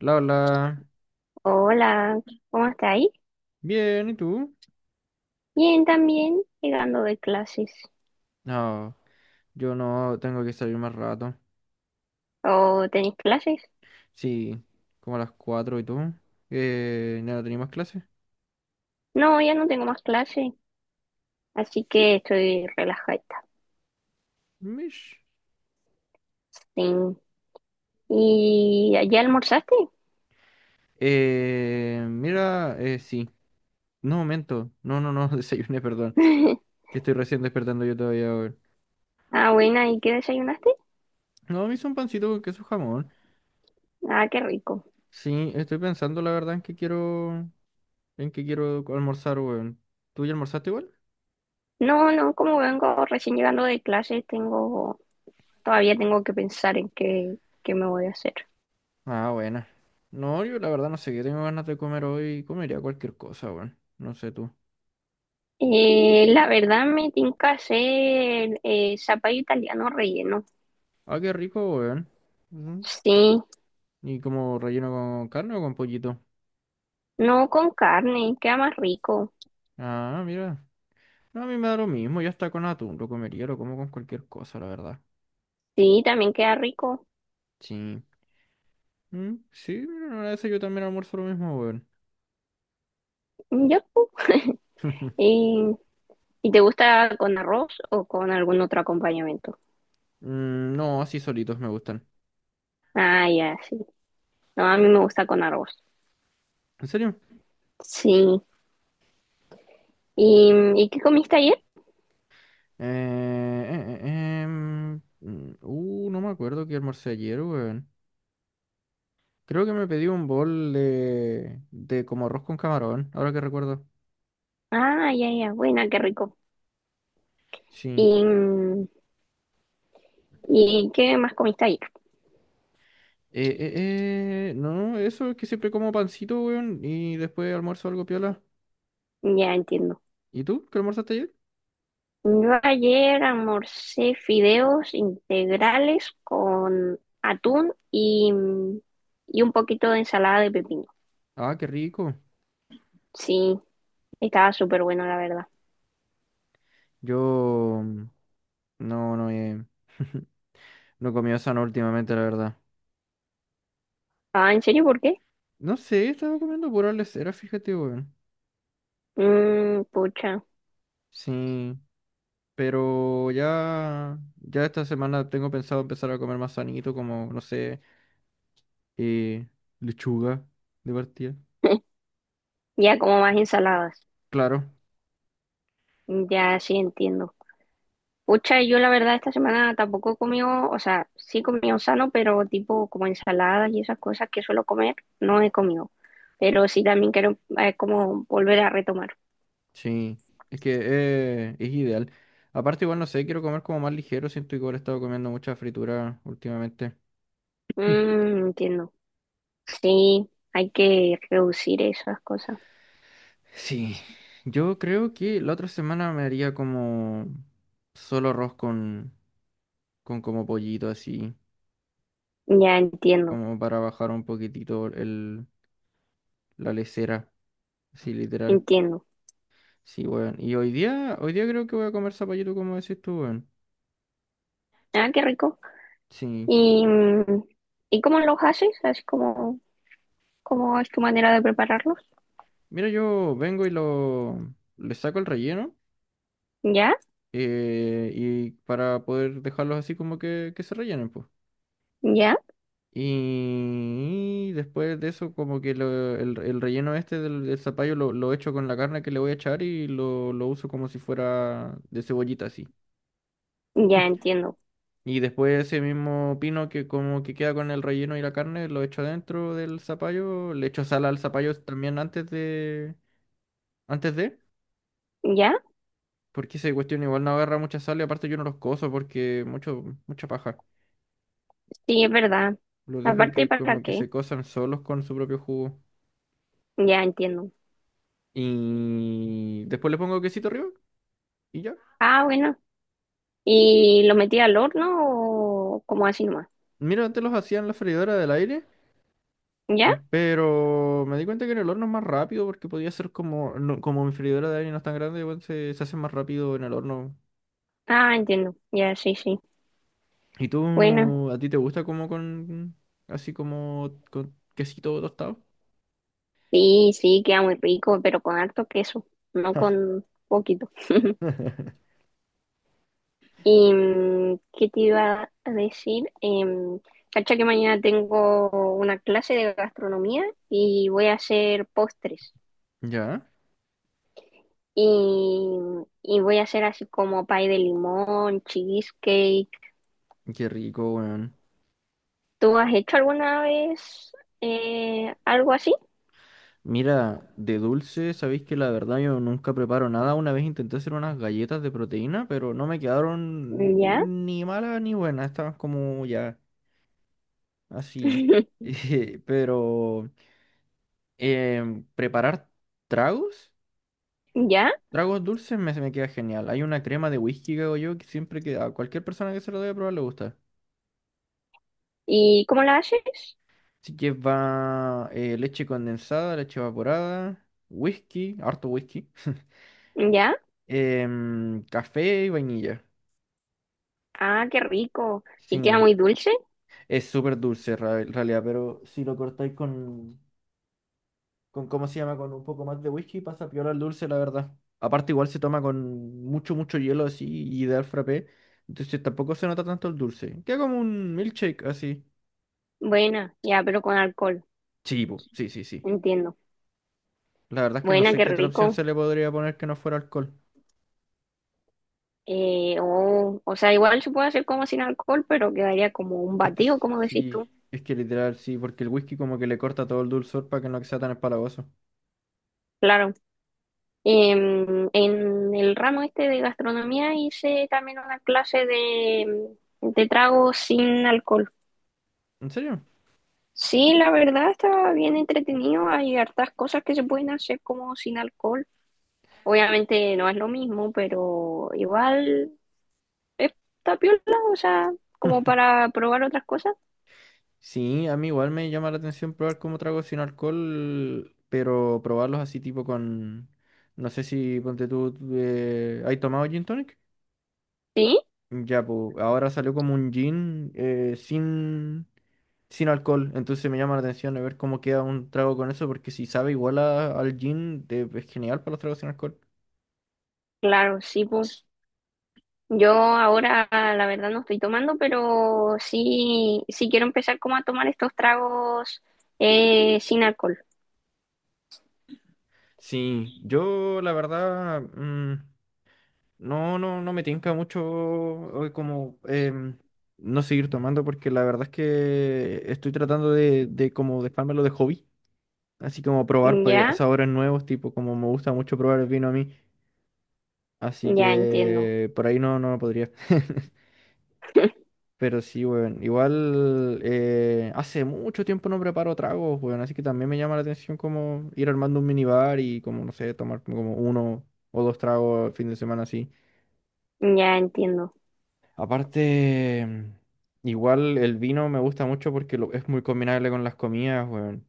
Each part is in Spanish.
La Hola. Hola, ¿cómo está ahí? Bien, ¿y tú? Bien, también llegando de clases. No, yo no tengo que salir más rato. ¿O tenéis clases? Sí, como a las 4 y tú. ¿No tenía más clases? No, ya no tengo más clases, así que estoy relajada. Mish. Sí. ¿Y ya almorzaste? Mira, sí. No, momento. No, no, no, desayuné, perdón. Que estoy recién despertando yo todavía, weón. Ah, buena, ¿y qué desayunaste? No, me hice un pancito con queso jamón. Ah, qué rico. Sí, estoy pensando la verdad en que quiero almorzar, weón. ¿Tú ya almorzaste igual? No, no, como vengo recién llegando de clases, todavía tengo que pensar en qué me voy a hacer. Ah, buena. No, yo la verdad no sé qué tengo ganas de comer hoy. Comería cualquier cosa, weón. No sé tú. La verdad me tinca hacer zapallo italiano relleno. Ah, qué rico, weón. Ujú. Sí. ¿Y como relleno con carne o con pollito? No, con carne queda más rico. Ah, mira. No, a mí me da lo mismo. Ya está con atún. Lo comería, lo como con cualquier cosa, la verdad. Sí, también queda rico. Sí. Sí, mira, una vez yo también almuerzo lo mismo, weón. Yo, y, ¿Y te gusta con arroz o con algún otro acompañamiento? No, así solitos me gustan. Ah, ya, sí. No, a mí me gusta con arroz. ¿En serio? Sí. ¿Y qué comiste ayer? No me acuerdo qué almorcé ayer, weón. Creo que me pedí un bol de como arroz con camarón, ahora que recuerdo. Ah, ya, ya, buena, qué rico. Sí. ¿Y, ¿y qué más comiste ayer? No, eso es que siempre como pancito, weón, y después almuerzo algo piola. Ya entiendo. ¿Y tú? ¿Qué almorzaste ayer? Yo ayer almorcé fideos integrales con atún y un poquito de ensalada de pepino. Ah, qué rico. Sí, estaba súper bueno, la verdad. Yo no, no he, no comí sano últimamente, la verdad. Ah, ¿en serio por qué? No sé, estaba comiendo pura lesera, fíjate, weón. Mmm, pucha. Sí, pero ya esta semana tengo pensado empezar a comer más sanito, como, no sé, eh, lechuga de partida. Ya, como más ensaladas. Claro, Ya, sí, entiendo. Pucha, yo la verdad esta semana tampoco he comido, o sea, sí he comido sano, pero tipo como ensaladas y esas cosas que suelo comer, no he comido. Pero sí también quiero como volver a retomar. sí. Es que es ideal. Aparte, igual no sé, quiero comer como más ligero. Siento que igual he estado comiendo mucha fritura últimamente. Mm. Mmm, entiendo. Sí, hay que reducir esas cosas. Sí. Yo creo que la otra semana me haría como solo arroz con como pollito así, Ya entiendo, como para bajar un poquitito el, la lesera, sí literal. entiendo. Sí, weón. Y hoy día creo que voy a comer zapallito como decís tú, weón. Ah, qué rico. Sí. ¿Y, y cómo los haces? Así como... ¿cómo es tu manera de prepararlos? Mira, yo vengo y lo le saco el relleno. ¿Ya? Y para poder dejarlos así como que se rellenen, pues. ¿Ya? Y después de eso, como que el relleno este del zapallo lo echo con la carne que le voy a echar y lo uso como si fuera de cebollita así. Ya entiendo. Y después ese mismo pino que como que queda con el relleno y la carne, lo echo dentro del zapallo, le echo sal al zapallo también antes de, ¿Ya? porque esa cuestión igual no agarra mucha sal y aparte yo no los coso porque mucha paja. Sí, es verdad. Los dejo Aparte, que ¿para como que qué? se cosan solos con su propio jugo. Ya entiendo. Y después le pongo quesito arriba y ya. Ah, bueno. ¿Y lo metí al horno o como así nomás? Mira, antes los hacía en la freidora del aire, ¿Ya? pero me di cuenta que en el horno es más rápido porque podía ser como, como mi freidora de aire no es tan grande, igual se hace más rápido en el horno. Ah, entiendo. Ya, sí, sí. ¿Y Bueno. tú, a ti te gusta como así como con quesito tostado? Sí, sí, queda muy rico, pero con harto queso, no con poquito. ¿Y qué te iba a decir? Em, cacha que mañana tengo una clase de gastronomía y voy a hacer postres. Ya, Y, y voy a hacer así como pie de limón, cheesecake. qué rico, weón. ¿Tú has hecho alguna vez algo así? Mira, de dulce, sabéis que la verdad yo nunca preparo nada. Una vez intenté hacer unas galletas de proteína, pero no me ¿Ya? quedaron ni malas ni buenas. Estaban como ya así. Pero preparar tragos, ¿Ya? tragos dulces se me queda genial. Hay una crema de whisky que hago yo que siempre que a cualquier persona que se lo debe probar le gusta. ¿Y cómo la haces? Así que va leche condensada, leche evaporada, whisky, harto whisky, ¿Ya? Café y vainilla. Ah, qué rico. Sí. ¿Y queda muy dulce? Es súper dulce en realidad, pero si lo cortáis con, ¿cómo se llama? Con un poco más de whisky, pasa piola el dulce, la verdad. Aparte, igual se toma con mucho, mucho hielo así y ideal frappé. Entonces tampoco se nota tanto el dulce. Queda como un milkshake así. Buena, ya, pero con alcohol, Sí, po, sí, sí, sí. entiendo. La verdad es que no Buena, sé qué qué otra opción rico. se le podría poner que no fuera alcohol. Oh, o sea, igual se puede hacer como sin alcohol, pero quedaría como un Es que batido, como decís tú. sí, es que literal sí, porque el whisky como que le corta todo el dulzor para que no sea tan empalagoso. Claro. Em, en el ramo este de gastronomía hice también una clase de tragos sin alcohol. ¿En serio? Sí, la verdad está bien entretenido. Hay hartas cosas que se pueden hacer como sin alcohol. Obviamente no es lo mismo, pero igual está piola, o sea, como para probar otras cosas. Sí, a mí igual me llama la atención probar como tragos sin alcohol, pero probarlos así tipo con. No sé si, ponte tú, ¿hay tomado gin tonic? Sí, Ya, pues ahora salió como un gin sin alcohol, entonces me llama la atención a ver cómo queda un trago con eso, porque si sabe igual al gin, es genial para los tragos sin alcohol. claro, sí, pues yo ahora la verdad no estoy tomando, pero sí, sí quiero empezar como a tomar estos tragos sin alcohol. Sí, yo la verdad, no me tinca mucho como no seguir tomando porque la verdad es que estoy tratando de como dejármelo de hobby, así como probar pues, Ya, sabores nuevos, tipo como me gusta mucho probar el vino a mí, así ya entiendo. que por ahí no podría. Pero sí, weón, igual hace mucho tiempo no preparo tragos, weón, así que también me llama la atención como ir armando un minibar y como, no sé, tomar como uno o dos tragos el fin de semana así. Ya entiendo. Aparte, igual el vino me gusta mucho porque es muy combinable con las comidas, weón.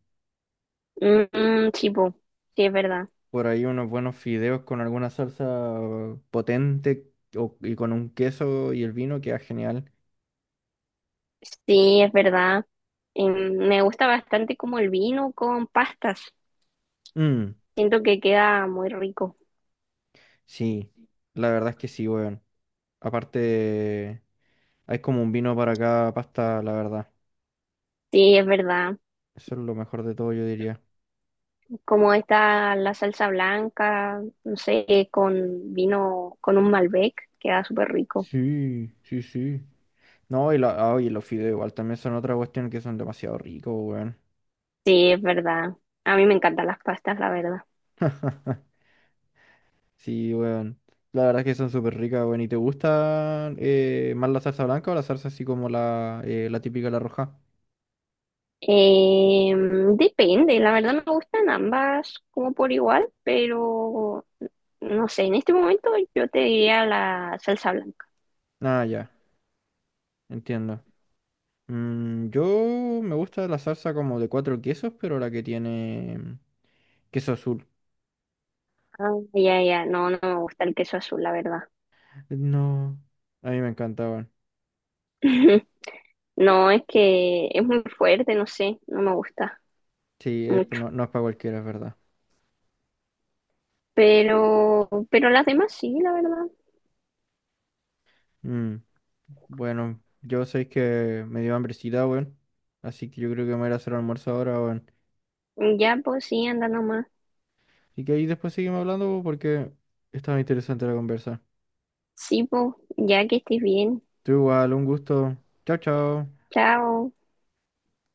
Mm, sí, po, sí, es verdad. Por ahí unos buenos fideos con alguna salsa potente y con un queso y el vino queda genial. Sí, es verdad. Em, me gusta bastante como el vino con pastas. Mm, Siento que queda muy rico. sí, la verdad es que sí, weón. Aparte, hay como un vino para cada pasta, la verdad. Sí, es verdad. Eso es lo mejor de todo, yo diría. Como está la salsa blanca, no sé, con vino, con un Malbec, queda súper rico. Sí, sí, sí. No, y los fideos igual también son otra cuestión que son demasiado ricos, weón. Sí, es verdad. A mí me encantan las pastas, la verdad. Sí, weón. La verdad es que son súper ricas, weón. ¿Y te gustan más la salsa blanca o la salsa así como la típica, la roja? Em, depende, la verdad me gustan ambas como por igual, pero no sé, en este momento yo te diría la salsa blanca. Ah, ya, entiendo. Yo me gusta la salsa como de cuatro quesos, pero la que tiene queso azul. Ah, ya, ya, no, no me gusta el queso azul, la verdad. No, a mí me encanta, weón. No, es que es muy fuerte, no sé, no me gusta Sí, mucho. no, no es para cualquiera, es verdad. Pero las demás sí, la verdad. Mm, bueno, yo sé que me dio hambrecita, weón. Así que yo creo que me voy a ir a hacer almuerzo ahora, weón. Ya, pues sí, anda nomás. Y que ahí después seguimos hablando porque estaba interesante la conversa. Sí, pues, ya que estés bien. Tú igual, un gusto. Chao, chao. Chao.